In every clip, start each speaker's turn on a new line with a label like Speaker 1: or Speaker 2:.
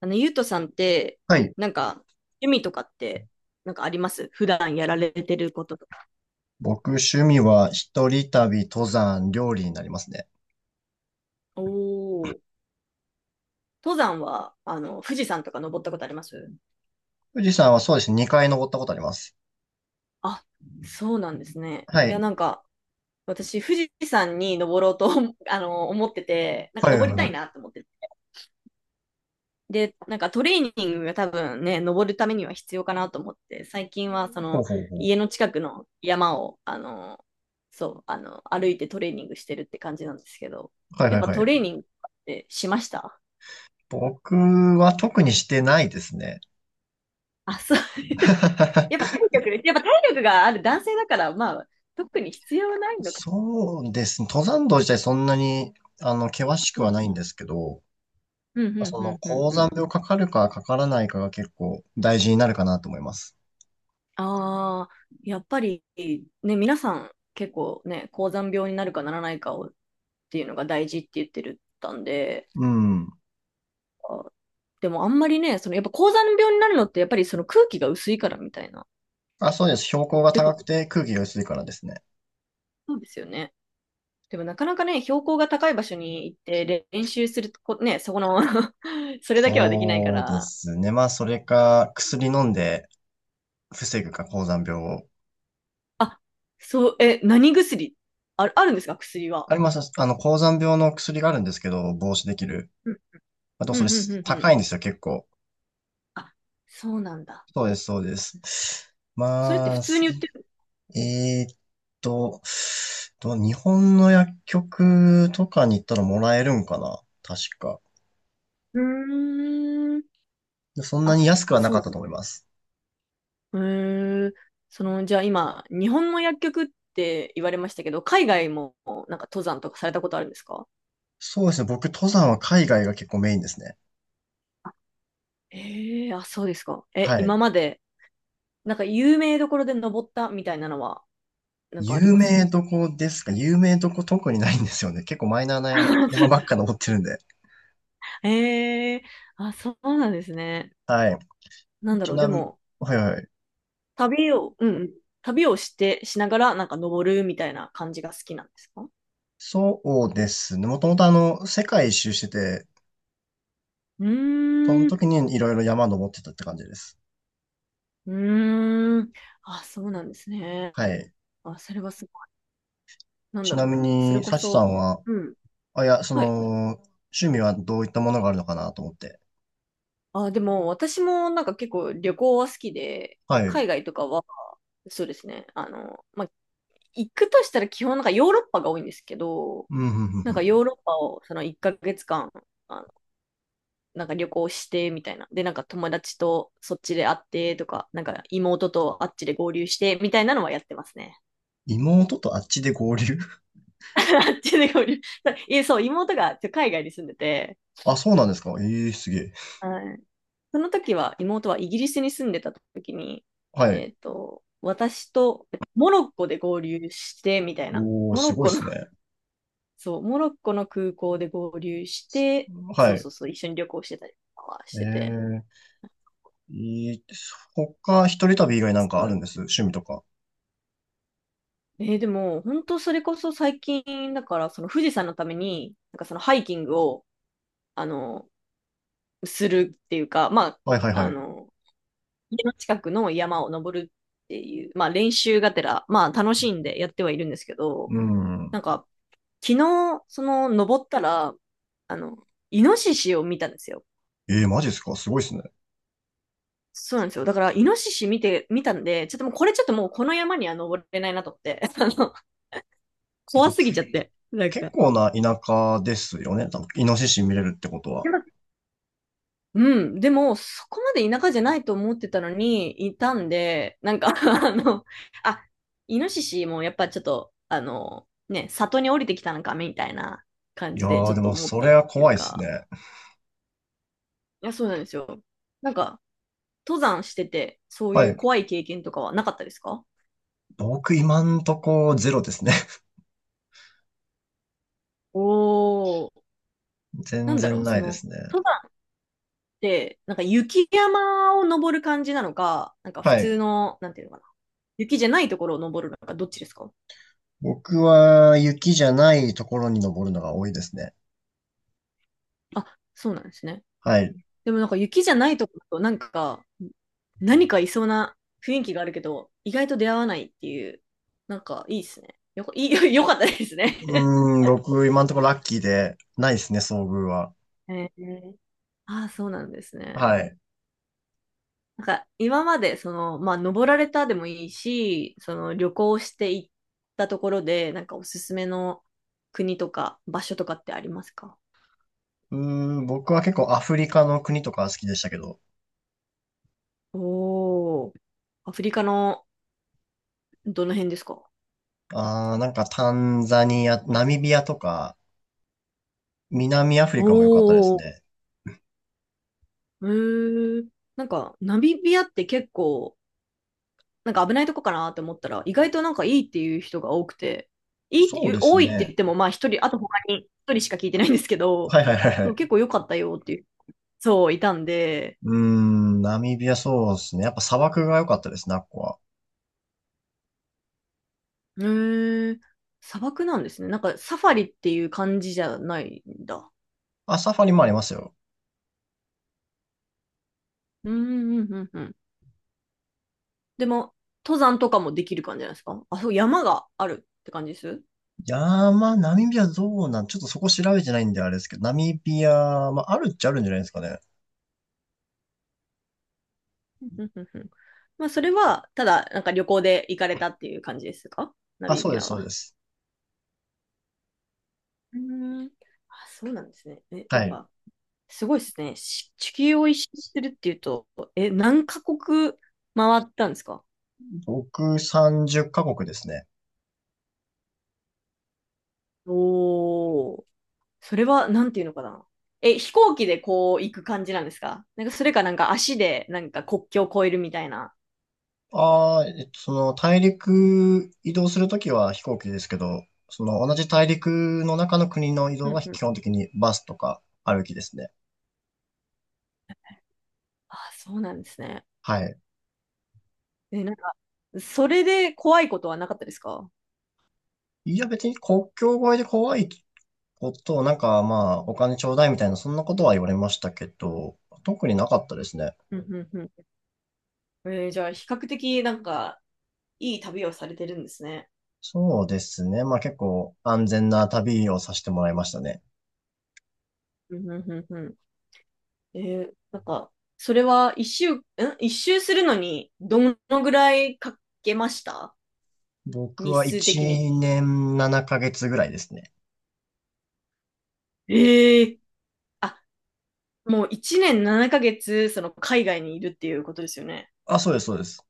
Speaker 1: ゆうとさんって、
Speaker 2: はい。
Speaker 1: なんか、趣味とかって、なんかあります？普段やられてることとか。
Speaker 2: 僕、趣味は一人旅、登山、料理になりますね。
Speaker 1: お。お。登山は、富士山とか登ったことあります？
Speaker 2: 富士山はそうですね、2回登ったことあります。
Speaker 1: あ、そうなんですね。
Speaker 2: は
Speaker 1: いや、な
Speaker 2: い。
Speaker 1: んか、私、富士山に登ろうと 思ってて、なんか
Speaker 2: はいは
Speaker 1: 登
Speaker 2: い
Speaker 1: りた
Speaker 2: は
Speaker 1: い
Speaker 2: い。
Speaker 1: なと思って、で、なんかトレーニングが多分ね、登るためには必要かなと思って、最近はそ
Speaker 2: ほ
Speaker 1: の
Speaker 2: うほうほう。
Speaker 1: 家の近くの山を、歩いてトレーニングしてるって感じなんですけど、
Speaker 2: はい
Speaker 1: や
Speaker 2: は
Speaker 1: っ
Speaker 2: い
Speaker 1: ぱ
Speaker 2: は
Speaker 1: トレー
Speaker 2: い。
Speaker 1: ニングってしました？
Speaker 2: 僕は特にしてないですね。
Speaker 1: あ、そう。やっぱ 体力、やっぱ体力がある男性だから、まあ、特に必要ないのか。
Speaker 2: そうですね。登山道自体そんなに、険し
Speaker 1: う
Speaker 2: くは
Speaker 1: ん
Speaker 2: ない
Speaker 1: う
Speaker 2: ん
Speaker 1: ん。
Speaker 2: ですけど、
Speaker 1: うんう
Speaker 2: そ
Speaker 1: んう
Speaker 2: の、
Speaker 1: んうん
Speaker 2: 高
Speaker 1: う
Speaker 2: 山
Speaker 1: ん。
Speaker 2: 病かかるかかからないかが結構大事になるかなと思います。
Speaker 1: ああ、やっぱりね、皆さん結構ね、高山病になるかならないかをっていうのが大事って言ってるったんで、
Speaker 2: うん。
Speaker 1: でもあんまりね、そのやっぱ高山病になるのってやっぱりその空気が薄いからみたいな。っ
Speaker 2: あ、そうです。標高が
Speaker 1: てこ
Speaker 2: 高
Speaker 1: と、
Speaker 2: くて空気が薄いからですね。
Speaker 1: そうですよね。でもなかなかね、標高が高い場所に行って練習するこ、ね、そこの それだけはできないか
Speaker 2: そうで
Speaker 1: ら。
Speaker 2: すね。まあ、それか、薬飲んで防ぐか、高山病を。
Speaker 1: あ、そう、え、何薬？あ、あるんですか？薬は。
Speaker 2: あります。あの、高山病の薬があるんですけど、防止できる。
Speaker 1: うん、
Speaker 2: まあと、そ
Speaker 1: う
Speaker 2: れ
Speaker 1: ん、うん、うん。うん。
Speaker 2: 高いんですよ、結構。
Speaker 1: あ、そうなんだ。
Speaker 2: そうです、そうです。
Speaker 1: それって
Speaker 2: ま
Speaker 1: 普
Speaker 2: あ、
Speaker 1: 通
Speaker 2: す
Speaker 1: に売ってる？
Speaker 2: えーっと、日本の薬局とかに行ったらもらえるんかな確か。
Speaker 1: うーん。
Speaker 2: でそんな
Speaker 1: あ、
Speaker 2: に安くはな
Speaker 1: そう
Speaker 2: かっ
Speaker 1: な
Speaker 2: た
Speaker 1: ん
Speaker 2: と
Speaker 1: だ。
Speaker 2: 思います。
Speaker 1: へ。え、その、じゃあ今、日本の薬局って言われましたけど、海外もなんか登山とかされたことあるんですか？
Speaker 2: そうですね。僕、登山は海外が結構メインですね。
Speaker 1: ええー、あ、そうですか。え、
Speaker 2: は
Speaker 1: 今
Speaker 2: い。
Speaker 1: まで、なんか有名どころで登ったみたいなのは、なんかあり
Speaker 2: 有
Speaker 1: ま
Speaker 2: 名
Speaker 1: す？
Speaker 2: どこですか？有名どこ特にないんですよね。結構マイナーな山ばっ か登ってるんで。
Speaker 1: ええー、あ、そうなんですね。
Speaker 2: はい。
Speaker 1: なんだ
Speaker 2: ち
Speaker 1: ろう、で
Speaker 2: なみに、
Speaker 1: も、
Speaker 2: はいはい。
Speaker 1: 旅を、うんうん、旅をして、しながら、なんか登るみたいな感じが好きなんですか？
Speaker 2: そうですね。もともと世界一周してて、
Speaker 1: う
Speaker 2: その
Speaker 1: ーん、
Speaker 2: 時にいろいろ山登ってたって感じです。
Speaker 1: うーん、あ、そうなんですね。
Speaker 2: はい。
Speaker 1: あ、それはなん
Speaker 2: ち
Speaker 1: だ
Speaker 2: な
Speaker 1: ろ
Speaker 2: み
Speaker 1: う。それ
Speaker 2: に、
Speaker 1: こ
Speaker 2: サチさ
Speaker 1: そ。
Speaker 2: んは、
Speaker 1: うん。
Speaker 2: あ、いや、そ
Speaker 1: はい。
Speaker 2: の、趣味はどういったものがあるのかなと思って。
Speaker 1: あ、でも私もなんか結構旅行は好きで、
Speaker 2: はい。
Speaker 1: 海外とかは、そうですね。まあ、行くとしたら基本なんかヨーロッパが多いんですけど、
Speaker 2: うん、うん、うん、う
Speaker 1: なんかヨ
Speaker 2: ん。
Speaker 1: ーロッパをその1ヶ月間、あの、なんか旅行してみたいな。で、なんか友達とそっちで会ってとか、なんか妹とあっちで合流してみたいなのはやってますね。
Speaker 2: 妹とあっちで合流？
Speaker 1: あっちで合流。いえ、そう、妹が海外に住んでて、
Speaker 2: あ、そうなんですか？ええー、すげえ。
Speaker 1: はい。その時は、妹はイギリスに住んでた時に、
Speaker 2: はい。
Speaker 1: 私とモロッコで合流して、みたいな。
Speaker 2: おー、
Speaker 1: モロ
Speaker 2: す
Speaker 1: ッ
Speaker 2: ごい
Speaker 1: コ
Speaker 2: で
Speaker 1: の、
Speaker 2: す ね。
Speaker 1: そう、モロッコの空港で合流して、
Speaker 2: は
Speaker 1: そう
Speaker 2: い。
Speaker 1: そうそう、一緒に旅行してたりとかはしてて。
Speaker 2: ええ、いいです、他、一人旅以外なん
Speaker 1: そ
Speaker 2: か
Speaker 1: う
Speaker 2: あ
Speaker 1: な
Speaker 2: るん
Speaker 1: んで
Speaker 2: です？
Speaker 1: す。
Speaker 2: 趣味とか。
Speaker 1: えー、でも、本当それこそ最近、だから、その富士山のために、なんかそのハイキングを、あの、するっていうか、まあ、
Speaker 2: はいはいはい。
Speaker 1: 家の近くの山を登るっていう、まあ練習がてら、まあ楽しんでやってはいるんですけど、
Speaker 2: う
Speaker 1: な
Speaker 2: ん。
Speaker 1: んか、昨日、その登ったら、イノシシを見たんですよ。
Speaker 2: ええー、マジですか？すごいですね。
Speaker 1: そうなんですよ。だから、イノシシ見たんで、ちょっともうこの山には登れないなと思って、
Speaker 2: えっ
Speaker 1: 怖
Speaker 2: と、
Speaker 1: すぎ
Speaker 2: け、
Speaker 1: ちゃって、なん
Speaker 2: 結
Speaker 1: か。
Speaker 2: 構な田舎ですよね。多分、イノシシ見れるってことは。
Speaker 1: うん、でも、そこまで田舎じゃないと思ってたのに、いたんで、なんか あの、あ、イノシシもやっぱちょっと、ね、里に降りてきたのか、みたいな感
Speaker 2: いや
Speaker 1: じで、ち
Speaker 2: ー、
Speaker 1: ょっ
Speaker 2: で
Speaker 1: と
Speaker 2: も、
Speaker 1: 思っ
Speaker 2: そ
Speaker 1: た
Speaker 2: れ
Speaker 1: っ
Speaker 2: は
Speaker 1: てい
Speaker 2: 怖
Speaker 1: う
Speaker 2: いです
Speaker 1: か。
Speaker 2: ね。
Speaker 1: いや、そうなんですよ。なんか、登山してて、そう
Speaker 2: は
Speaker 1: いう
Speaker 2: い。
Speaker 1: 怖い経験とかはなかったですか？
Speaker 2: 僕、今んとこ、ゼロですね。
Speaker 1: おー、な
Speaker 2: 全
Speaker 1: んだろ
Speaker 2: 然
Speaker 1: う、
Speaker 2: な
Speaker 1: そ
Speaker 2: いで
Speaker 1: の、
Speaker 2: すね。
Speaker 1: 登山って、なんか雪山を登る感じなのか、なんか普
Speaker 2: は
Speaker 1: 通
Speaker 2: い。
Speaker 1: の、なんていうのかな、雪じゃないところを登るのか、どっちですか？
Speaker 2: 僕は、雪じゃないところに登るのが多いですね。
Speaker 1: あ、そうなんですね。
Speaker 2: はい。
Speaker 1: でもなんか雪じゃないとこだとなんか何かいそうな雰囲気があるけど意外と出会わないっていう、なんかいいですね。よこいい よかったですね。
Speaker 2: うーん、僕、今んとこラッキーで、ないですね、遭遇は。
Speaker 1: えー、ああ、そうなんですね。
Speaker 2: はい。
Speaker 1: なんか今までそのまあ登られたでもいいしその旅行して行ったところでなんかおすすめの国とか場所とかってありますか？
Speaker 2: うーん、僕は結構アフリカの国とか好きでしたけど、
Speaker 1: おー、アフリカのどの辺ですか？
Speaker 2: あー、なんかタンザニア、ナミビアとか、南アフリカも良かったです
Speaker 1: おー、
Speaker 2: ね。
Speaker 1: へー、なんか、ナミビアって結構、なんか危ないとこかなって思ったら、意外となんかいいっていう人が多くて、いいっ
Speaker 2: そう
Speaker 1: て
Speaker 2: です
Speaker 1: 多いって言っ
Speaker 2: ね。
Speaker 1: ても、まあ一人、あと他に一人しか聞いてないんですけど、
Speaker 2: はいはいはいは
Speaker 1: そう、
Speaker 2: い。
Speaker 1: 結構良かったよっていう、そう、いたんで。
Speaker 2: うーん、ナミビアそうですね。やっぱ砂漠が良かったですね、あっこは。
Speaker 1: へー、砂漠なんですね。なんかサファリっていう感じじゃないんだ。
Speaker 2: あ、サファリもありますよ。
Speaker 1: うん、うん、うん、うん。でも、登山とかもできる感じなんですか？あ、そう、山があるって感じです？
Speaker 2: 山、ナミビアどうなん、ちょっとそこ調べてないんであれですけど、ナミビア、まあ、あるっちゃあるんじゃないですかね。
Speaker 1: うんうんうんうん。まあ、それは、ただ、なんか旅行で行かれたっていう感じですか？ナ
Speaker 2: あ、
Speaker 1: ミ
Speaker 2: そう
Speaker 1: ビ
Speaker 2: で
Speaker 1: ア
Speaker 2: す、そうで
Speaker 1: は。
Speaker 2: す。
Speaker 1: うーん。あ、そうなんですね。え、な
Speaker 2: は
Speaker 1: ん
Speaker 2: い。
Speaker 1: か、すごいですね。地球を一周するっていうと、え、何カ国回ったんですか？
Speaker 2: 僕30カ国ですね。
Speaker 1: おおー。それは、なんていうのかな。え、飛行機でこう行く感じなんですか？なんか、それかなんか足でなんか国境を越えるみたいな。
Speaker 2: ああ、その大陸移動するときは飛行機ですけど、その同じ大陸の中の国の移
Speaker 1: う
Speaker 2: 動
Speaker 1: ん
Speaker 2: は
Speaker 1: う
Speaker 2: 基
Speaker 1: ん。
Speaker 2: 本的にバスとか歩きですね。
Speaker 1: あ、そうなんですね。
Speaker 2: はい。
Speaker 1: え、なんか、それで怖いことはなかったですか？
Speaker 2: いや、別に国境越えで怖いこと、なんかまあ、お金ちょうだいみたいな、そんなことは言われましたけど、特になかったですね。
Speaker 1: うんうんうん。えー、じゃあ、比較的なんか、いい旅をされてるんですね。
Speaker 2: そうですね。まあ結構安全な旅をさせてもらいましたね。
Speaker 1: うんうんうんうん。えー、なんか、それは一周、一周するのに、どのぐらいかけました？
Speaker 2: 僕
Speaker 1: 日
Speaker 2: は
Speaker 1: 数
Speaker 2: 1
Speaker 1: 的に。
Speaker 2: 年7ヶ月ぐらいですね。
Speaker 1: ええ、あ、もう1年7ヶ月、その海外にいるっていうことですよね。
Speaker 2: あ、そうです、そうです。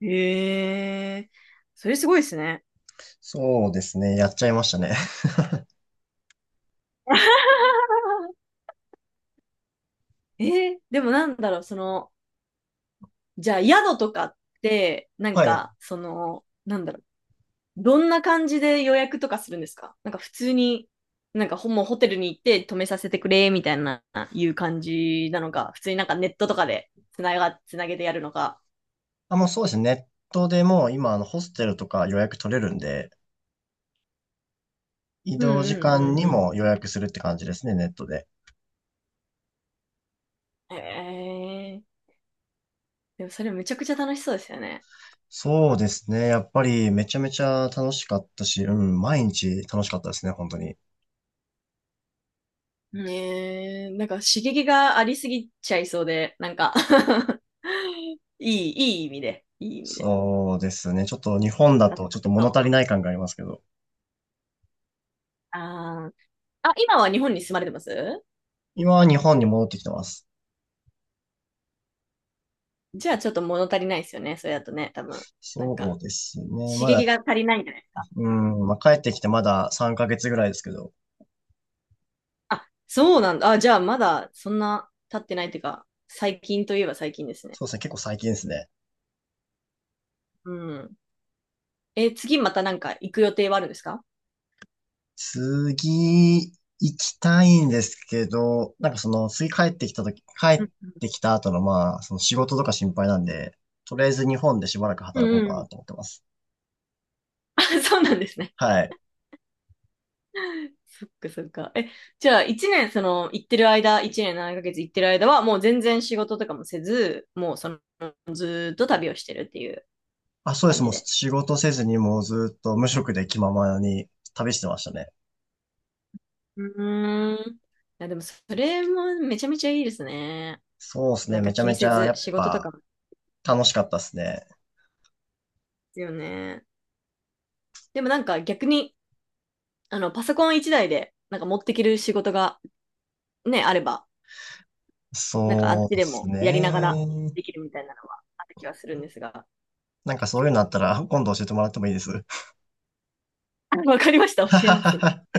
Speaker 1: ええ、それすごいですね。
Speaker 2: そうですね。やっちゃいましたね。
Speaker 1: ええ、でもなんだろう、その、じゃあ宿とかって、なん
Speaker 2: はい。
Speaker 1: か、その、なんだろう、どんな感じで予約とかするんですか？なんか普通に、なんかもうホテルに行って泊めさせてくれ、みたいな、いう感じなのか、普通になんかネットとかでつなげてやるのか。
Speaker 2: あ、もうそうですね。ネットでもう今、ホステルとか予約取れるんで、移
Speaker 1: うん
Speaker 2: 動時
Speaker 1: うんう
Speaker 2: 間に
Speaker 1: んう
Speaker 2: も予約するって感じですね、ネットで。
Speaker 1: ん。へえ、でもそれめちゃくちゃ楽しそうですよね。
Speaker 2: そうですね。やっぱりめちゃめちゃ楽しかったし、うん、毎日楽しかったですね、本当に。
Speaker 1: ねえ、なんか刺激がありすぎちゃいそうで、なんか いい意味で、いい意味で。
Speaker 2: そうですね。ちょっと日本
Speaker 1: なん
Speaker 2: だと
Speaker 1: か
Speaker 2: ちょっと
Speaker 1: そ
Speaker 2: 物
Speaker 1: う、
Speaker 2: 足りない感がありますけど、
Speaker 1: あー、あ、今は日本に住まれてます？
Speaker 2: 今は日本に戻ってきてます。
Speaker 1: じゃあちょっと物足りないですよね、それだとね、多分。なん
Speaker 2: そ
Speaker 1: か、
Speaker 2: うですね。
Speaker 1: 刺
Speaker 2: ま
Speaker 1: 激
Speaker 2: だ、
Speaker 1: が足りないんじゃないですか。
Speaker 2: うん、まあ、帰ってきてまだ3ヶ月ぐらいですけど、
Speaker 1: あ、そうなんだ。あ、じゃあまだそんな経ってないっていうか、最近といえば最近ですね。
Speaker 2: そうですね。結構最近ですね。
Speaker 1: うん。え、次またなんか行く予定はあるんですか？
Speaker 2: 次、行きたいんですけど、なんかその、次帰ってきたとき、帰
Speaker 1: う
Speaker 2: っ
Speaker 1: ん
Speaker 2: てきた後の、まあ、その仕事とか心配なんで、とりあえず日本でしばらく
Speaker 1: う
Speaker 2: 働こう
Speaker 1: ん
Speaker 2: か
Speaker 1: う
Speaker 2: な
Speaker 1: ん。
Speaker 2: と思ってます。
Speaker 1: あ、そうなんですね。
Speaker 2: はい。
Speaker 1: そっかそっか。え、じゃあ一年その行ってる間、一年7ヶ月行ってる間はもう全然仕事とかもせず、もうそのずーっと旅をしてるっていう
Speaker 2: あ、そうで
Speaker 1: 感
Speaker 2: す。
Speaker 1: じ
Speaker 2: もう
Speaker 1: で。
Speaker 2: 仕事せずにもうずっと無職で気ままに旅してましたね。
Speaker 1: うーん。いやでもそれもめちゃめちゃいいですね。
Speaker 2: そうです
Speaker 1: な
Speaker 2: ね。
Speaker 1: んか
Speaker 2: めちゃ
Speaker 1: 気に
Speaker 2: めち
Speaker 1: せ
Speaker 2: ゃ
Speaker 1: ず
Speaker 2: やっ
Speaker 1: 仕事と
Speaker 2: ぱ
Speaker 1: かもで
Speaker 2: 楽しかったですね。
Speaker 1: すよね。でもなんか逆に、パソコン一台で、なんか持ってきる仕事がね、あれば、なんかあっ
Speaker 2: そう
Speaker 1: ち
Speaker 2: で
Speaker 1: で
Speaker 2: す
Speaker 1: もやりながら
Speaker 2: ね。
Speaker 1: できるみたいなのはある気はするんですが。
Speaker 2: なんかそういうのあったら今度教えてもらってもいいです？
Speaker 1: あ、わかりました。教えます。